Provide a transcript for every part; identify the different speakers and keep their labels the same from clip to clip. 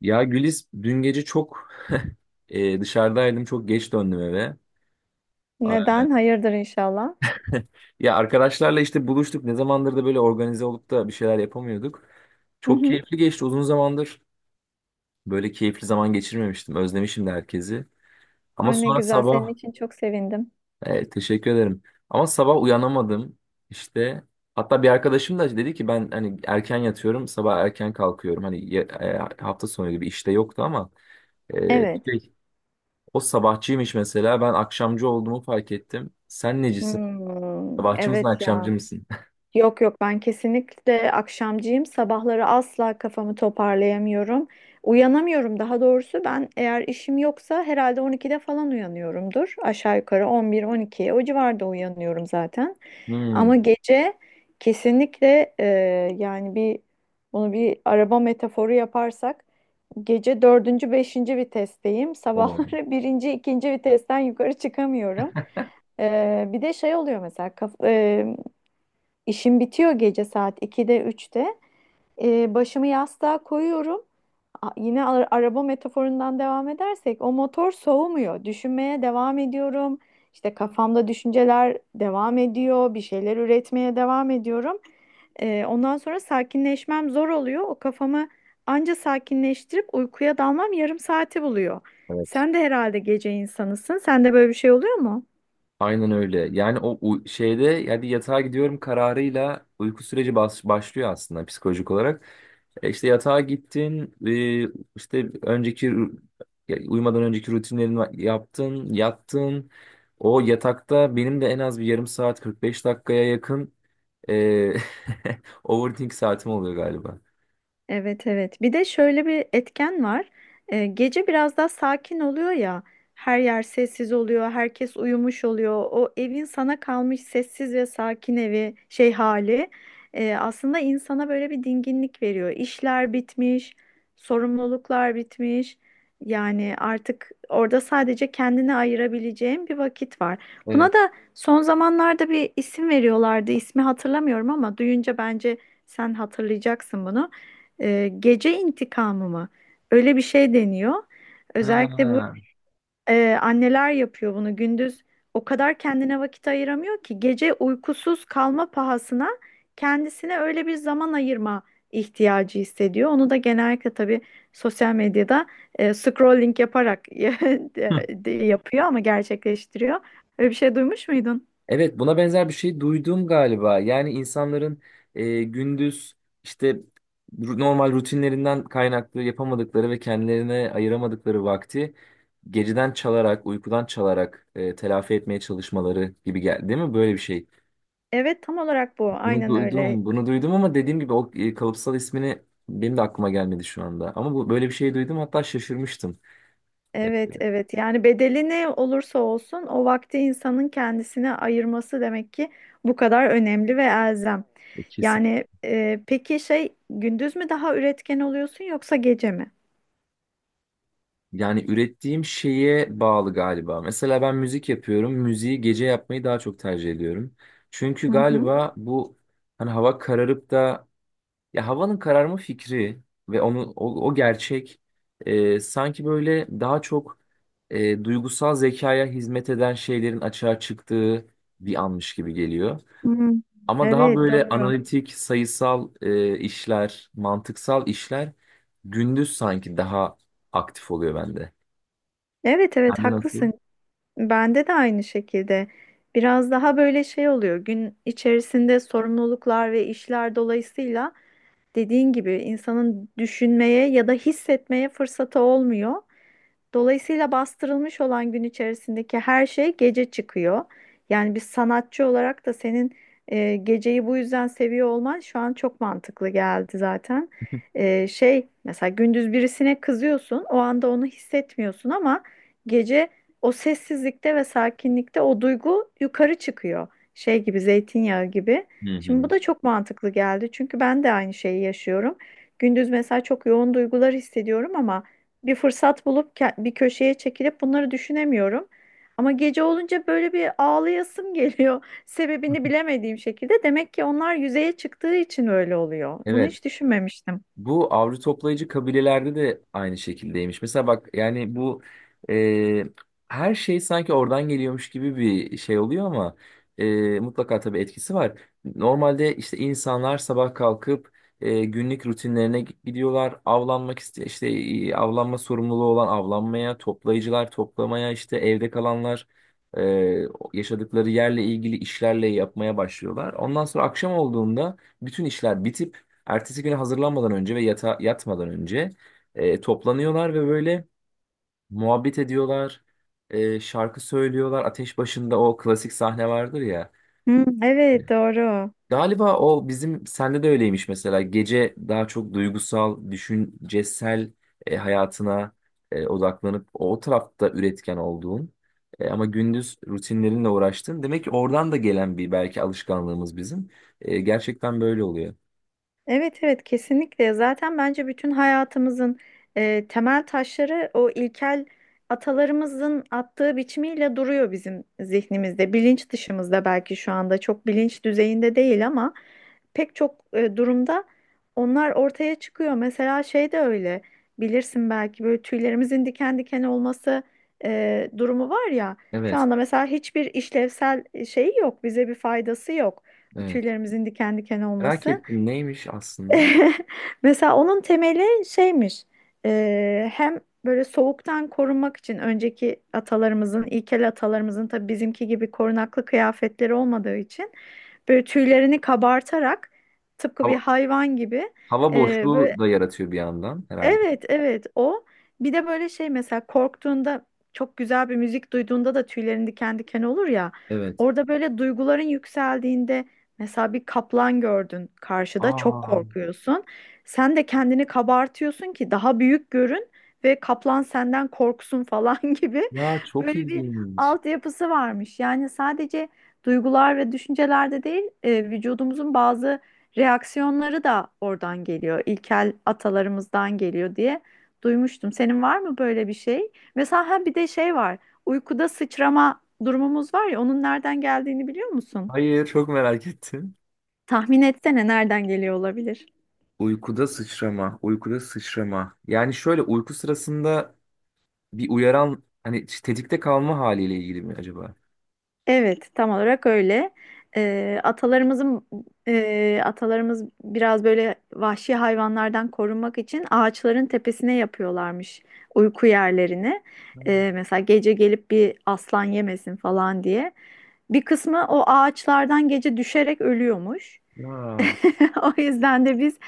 Speaker 1: Ya Gülis dün gece çok dışarıdaydım. Çok geç döndüm eve. A-
Speaker 2: Neden? Hayırdır inşallah.
Speaker 1: Ya arkadaşlarla işte buluştuk. Ne zamandır da böyle organize olup da bir şeyler yapamıyorduk.
Speaker 2: Hı
Speaker 1: Çok
Speaker 2: hı.
Speaker 1: keyifli geçti. Uzun zamandır böyle keyifli zaman geçirmemiştim. Özlemişim de herkesi. Ama
Speaker 2: Ay ne
Speaker 1: sonra
Speaker 2: güzel. Senin
Speaker 1: sabah...
Speaker 2: için çok sevindim.
Speaker 1: teşekkür ederim. Ama sabah uyanamadım. İşte hatta bir arkadaşım da dedi ki ben hani erken yatıyorum, sabah erken kalkıyorum. Hani hafta sonu gibi işte yoktu ama e,
Speaker 2: Evet.
Speaker 1: şey, o sabahçıymış mesela. Ben akşamcı olduğumu fark ettim. Sen necisin?
Speaker 2: Hmm,
Speaker 1: Sabahçı mısın,
Speaker 2: evet ya.
Speaker 1: akşamcı mısın?
Speaker 2: Yok yok ben kesinlikle akşamcıyım. Sabahları asla kafamı toparlayamıyorum. Uyanamıyorum daha doğrusu. Ben eğer işim yoksa herhalde 12'de falan uyanıyorumdur. Aşağı yukarı 11-12 o civarda uyanıyorum zaten. Ama
Speaker 1: Hmm,
Speaker 2: gece kesinlikle yani bunu bir araba metaforu yaparsak gece dördüncü, beşinci vitesteyim.
Speaker 1: o.
Speaker 2: Sabahları birinci, ikinci vitesten yukarı çıkamıyorum. Bir de şey oluyor mesela. İşim bitiyor gece saat 2'de 3'te. Başımı yastığa koyuyorum. Araba metaforundan devam edersek o motor soğumuyor. Düşünmeye devam ediyorum. İşte kafamda düşünceler devam ediyor. Bir şeyler üretmeye devam ediyorum. Ondan sonra sakinleşmem zor oluyor. O kafamı anca sakinleştirip uykuya dalmam yarım saati buluyor.
Speaker 1: Evet.
Speaker 2: Sen de herhalde gece insanısın. Sende böyle bir şey oluyor mu?
Speaker 1: Aynen öyle. Yani o şeyde yani yatağa gidiyorum kararıyla uyku süreci başlıyor aslında psikolojik olarak. E işte yatağa gittin, işte önceki ya uyumadan önceki rutinlerini yaptın, yattın. O yatakta benim de en az bir yarım saat 45 dakikaya yakın e, overthink saatim oluyor galiba.
Speaker 2: Evet evet. Bir de şöyle bir etken var. Gece biraz daha sakin oluyor ya. Her yer sessiz oluyor, herkes uyumuş oluyor. O evin sana kalmış sessiz ve sakin evi şey hali aslında insana böyle bir dinginlik veriyor. İşler bitmiş, sorumluluklar bitmiş. Yani artık orada sadece kendine ayırabileceğin bir vakit var. Buna da son zamanlarda bir isim veriyorlardı. İsmi hatırlamıyorum ama duyunca bence sen hatırlayacaksın bunu. Gece intikamı mı? Öyle bir şey deniyor. Özellikle bu,
Speaker 1: Ha.
Speaker 2: anneler yapıyor bunu. Gündüz o kadar kendine vakit ayıramıyor ki gece uykusuz kalma pahasına kendisine öyle bir zaman ayırma ihtiyacı hissediyor. Onu da genellikle tabii sosyal medyada scrolling yaparak
Speaker 1: Hı.
Speaker 2: yapıyor ama gerçekleştiriyor. Öyle bir şey duymuş muydun?
Speaker 1: Evet, buna benzer bir şey duydum galiba. Yani insanların gündüz işte normal rutinlerinden kaynaklı yapamadıkları ve kendilerine ayıramadıkları vakti geceden çalarak, uykudan çalarak telafi etmeye çalışmaları gibi geldi, değil mi? Böyle bir şey.
Speaker 2: Evet tam olarak bu.
Speaker 1: Bunu
Speaker 2: Aynen öyle.
Speaker 1: duydum, bunu duydum ama dediğim gibi o kalıpsal ismini benim de aklıma gelmedi şu anda. Ama bu böyle bir şey duydum, hatta şaşırmıştım. E,
Speaker 2: Evet, evet. Yani bedeli ne olursa olsun o vakti insanın kendisine ayırması demek ki bu kadar önemli ve elzem.
Speaker 1: e,
Speaker 2: Yani peki şey, gündüz mü daha üretken oluyorsun yoksa gece mi?
Speaker 1: Yani ürettiğim şeye bağlı galiba. Mesela ben müzik yapıyorum. Müziği gece yapmayı daha çok tercih ediyorum. Çünkü
Speaker 2: Hı hı.
Speaker 1: galiba bu hani hava kararıp da ya havanın kararma fikri ve onu o gerçek sanki böyle daha çok duygusal zekaya hizmet eden şeylerin açığa çıktığı bir anmış gibi geliyor.
Speaker 2: Hmm.
Speaker 1: Ama daha
Speaker 2: Evet,
Speaker 1: böyle
Speaker 2: doğru.
Speaker 1: analitik, sayısal işler, mantıksal işler gündüz sanki daha aktif oluyor bende.
Speaker 2: Evet, evet
Speaker 1: Sende nasıl?
Speaker 2: haklısın. Bende de aynı şekilde. Biraz daha böyle şey oluyor. Gün içerisinde sorumluluklar ve işler dolayısıyla dediğin gibi insanın düşünmeye ya da hissetmeye fırsatı olmuyor. Dolayısıyla bastırılmış olan gün içerisindeki her şey gece çıkıyor. Yani bir sanatçı olarak da senin geceyi bu yüzden seviyor olman şu an çok mantıklı geldi zaten. E, şey mesela gündüz birisine kızıyorsun, o anda onu hissetmiyorsun ama gece o sessizlikte ve sakinlikte o duygu yukarı çıkıyor. Şey gibi, zeytinyağı gibi.
Speaker 1: Hı
Speaker 2: Şimdi bu
Speaker 1: hı.
Speaker 2: da çok mantıklı geldi çünkü ben de aynı şeyi yaşıyorum. Gündüz mesela çok yoğun duygular hissediyorum ama bir fırsat bulup bir köşeye çekilip bunları düşünemiyorum. Ama gece olunca böyle bir ağlayasım geliyor. Sebebini bilemediğim şekilde. Demek ki onlar yüzeye çıktığı için öyle oluyor. Bunu
Speaker 1: Evet.
Speaker 2: hiç düşünmemiştim.
Speaker 1: Bu avcı toplayıcı kabilelerde de aynı şekildeymiş. Mesela bak yani bu e, her şey sanki oradan geliyormuş gibi bir şey oluyor ama mutlaka tabii etkisi var. Normalde işte insanlar sabah kalkıp günlük rutinlerine gidiyorlar. Avlanmak iste işte avlanma sorumluluğu olan avlanmaya, toplayıcılar toplamaya, işte evde kalanlar e, yaşadıkları yerle ilgili işlerle yapmaya başlıyorlar. Ondan sonra akşam olduğunda bütün işler bitip ertesi güne hazırlanmadan önce ve yatmadan önce toplanıyorlar ve böyle muhabbet ediyorlar. Şarkı söylüyorlar. Ateş başında o klasik sahne vardır ya.
Speaker 2: Hı, evet doğru.
Speaker 1: Galiba o bizim sende de öyleymiş mesela. Gece daha çok duygusal, düşüncesel hayatına odaklanıp o tarafta üretken olduğun ama gündüz rutinlerinle uğraştın. Demek ki oradan da gelen bir belki alışkanlığımız bizim. Gerçekten böyle oluyor.
Speaker 2: Evet evet kesinlikle. Zaten bence bütün hayatımızın temel taşları o ilkel atalarımızın attığı biçimiyle duruyor bizim zihnimizde. Bilinç dışımızda belki şu anda çok bilinç düzeyinde değil ama pek çok durumda onlar ortaya çıkıyor. Mesela şey de öyle, bilirsin belki, böyle tüylerimizin diken diken olması durumu var ya. Şu
Speaker 1: Evet,
Speaker 2: anda mesela hiçbir işlevsel şey yok, bize bir faydası yok
Speaker 1: evet.
Speaker 2: tüylerimizin diken diken
Speaker 1: Merak
Speaker 2: olması.
Speaker 1: ettim neymiş aslında?
Speaker 2: Mesela onun temeli şeymiş. Hem böyle soğuktan korunmak için önceki atalarımızın, ilkel atalarımızın tabii bizimki gibi korunaklı kıyafetleri olmadığı için böyle tüylerini kabartarak tıpkı bir
Speaker 1: Hava,
Speaker 2: hayvan gibi,
Speaker 1: hava
Speaker 2: böyle.
Speaker 1: boşluğu da yaratıyor bir yandan herhalde.
Speaker 2: Evet, evet o. Bir de böyle şey mesela korktuğunda, çok güzel bir müzik duyduğunda da tüylerin diken diken olur ya.
Speaker 1: Evet.
Speaker 2: Orada böyle duyguların yükseldiğinde, mesela bir kaplan gördün karşıda çok
Speaker 1: Aa,
Speaker 2: korkuyorsun. Sen de kendini kabartıyorsun ki daha büyük görün ve kaplan senden korksun falan, gibi
Speaker 1: ya çok
Speaker 2: böyle bir
Speaker 1: ilginç.
Speaker 2: altyapısı varmış. Yani sadece duygular ve düşüncelerde değil, vücudumuzun bazı reaksiyonları da oradan geliyor. İlkel atalarımızdan geliyor diye duymuştum. Senin var mı böyle bir şey? Mesela ha bir de şey var. Uykuda sıçrama durumumuz var ya, onun nereden geldiğini biliyor musun?
Speaker 1: Hayır, çok merak ettim.
Speaker 2: Tahmin etsene nereden geliyor olabilir?
Speaker 1: Uykuda sıçrama, uykuda sıçrama. Yani şöyle uyku sırasında bir uyaran hani tetikte kalma haliyle ilgili mi acaba?
Speaker 2: Evet, tam olarak öyle. Atalarımızın, atalarımız biraz böyle vahşi hayvanlardan korunmak için ağaçların tepesine yapıyorlarmış uyku yerlerini. Mesela gece gelip bir aslan yemesin falan diye. Bir kısmı o ağaçlardan gece düşerek ölüyormuş.
Speaker 1: Ya,
Speaker 2: O yüzden de biz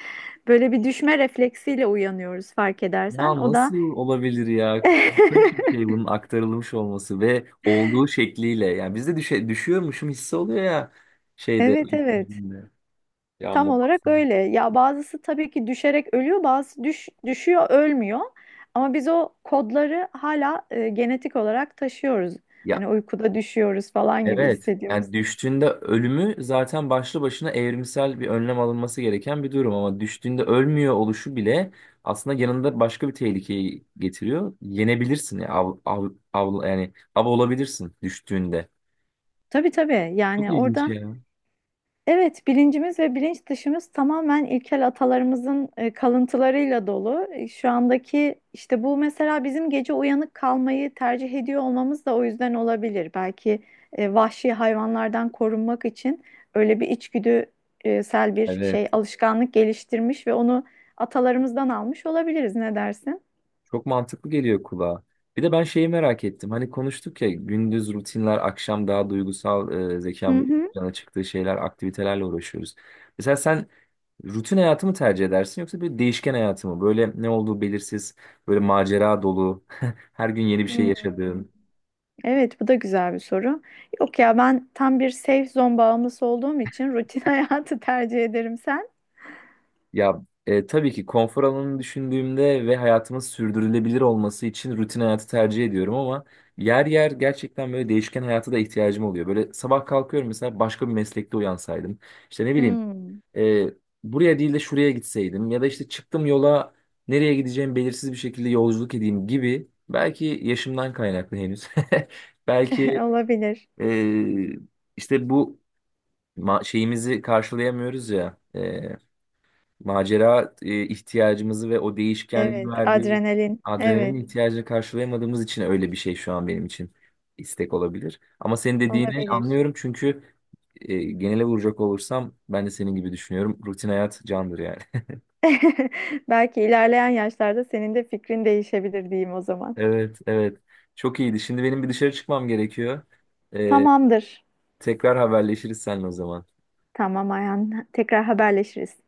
Speaker 2: böyle bir düşme refleksiyle uyanıyoruz fark edersen.
Speaker 1: ya
Speaker 2: O da
Speaker 1: nasıl olabilir ya? Korkunç bir şey bunun aktarılmış olması ve olduğu şekliyle. Yani bizde düşüyormuşum hissi oluyor ya şeyde.
Speaker 2: evet evet,
Speaker 1: Ya
Speaker 2: tam olarak
Speaker 1: muhakkak.
Speaker 2: öyle. Ya bazısı tabii ki düşerek ölüyor, bazısı düşüyor ölmüyor. Ama biz o kodları hala genetik olarak taşıyoruz.
Speaker 1: Ya
Speaker 2: Hani uykuda düşüyoruz falan gibi
Speaker 1: evet.
Speaker 2: hissediyoruz.
Speaker 1: Yani düştüğünde ölümü zaten başlı başına evrimsel bir önlem alınması gereken bir durum ama düştüğünde ölmüyor oluşu bile aslında yanında başka bir tehlikeyi getiriyor. Yenebilirsin ya yani av olabilirsin düştüğünde.
Speaker 2: Tabii tabii,
Speaker 1: Çok
Speaker 2: yani
Speaker 1: ilginç
Speaker 2: orada.
Speaker 1: ya.
Speaker 2: Evet, bilincimiz ve bilinç dışımız tamamen ilkel atalarımızın kalıntılarıyla dolu. E, şu andaki işte bu mesela bizim gece uyanık kalmayı tercih ediyor olmamız da o yüzden olabilir. Belki vahşi hayvanlardan korunmak için öyle bir içgüdüsel bir
Speaker 1: Evet.
Speaker 2: şey alışkanlık geliştirmiş ve onu atalarımızdan almış olabiliriz. Ne dersin?
Speaker 1: Çok mantıklı geliyor kulağa. Bir de ben şeyi merak ettim. Hani konuştuk ya gündüz rutinler, akşam daha duygusal
Speaker 2: Hı
Speaker 1: zekamızın
Speaker 2: hı.
Speaker 1: yana çıktığı şeyler, aktivitelerle uğraşıyoruz. Mesela sen rutin hayatı mı tercih edersin yoksa bir değişken hayatı mı? Böyle ne olduğu belirsiz, böyle macera dolu, her gün yeni bir şey
Speaker 2: Hmm.
Speaker 1: yaşadığın.
Speaker 2: Evet, bu da güzel bir soru. Yok ya ben tam bir safe zone bağımlısı olduğum için rutin hayatı tercih ederim. Sen?
Speaker 1: Ya tabii ki konfor alanını düşündüğümde ve hayatımın sürdürülebilir olması için rutin hayatı tercih ediyorum ama yer yer gerçekten böyle değişken hayata da ihtiyacım oluyor. Böyle sabah kalkıyorum mesela başka bir meslekte uyansaydım. İşte ne bileyim
Speaker 2: Hmm,
Speaker 1: e, buraya değil de şuraya gitseydim ya da işte çıktım yola nereye gideceğim belirsiz bir şekilde yolculuk edeyim gibi. Belki yaşımdan kaynaklı henüz. Belki
Speaker 2: olabilir.
Speaker 1: e, işte bu şeyimizi karşılayamıyoruz ya. Macera ihtiyacımızı ve o değişkenliğin
Speaker 2: Evet,
Speaker 1: verdiği
Speaker 2: adrenalin.
Speaker 1: adrenalin
Speaker 2: Evet,
Speaker 1: ihtiyacını karşılayamadığımız için öyle bir şey şu an benim için istek olabilir. Ama senin dediğini
Speaker 2: olabilir.
Speaker 1: anlıyorum çünkü genele vuracak olursam ben de senin gibi düşünüyorum. Rutin hayat candır yani.
Speaker 2: Belki ilerleyen yaşlarda senin de fikrin değişebilir diyeyim o zaman.
Speaker 1: Evet, evet. Çok iyiydi. Şimdi benim bir dışarı çıkmam gerekiyor. E,
Speaker 2: Tamamdır.
Speaker 1: Tekrar haberleşiriz seninle o zaman.
Speaker 2: Tamam Ayhan. Tekrar haberleşiriz.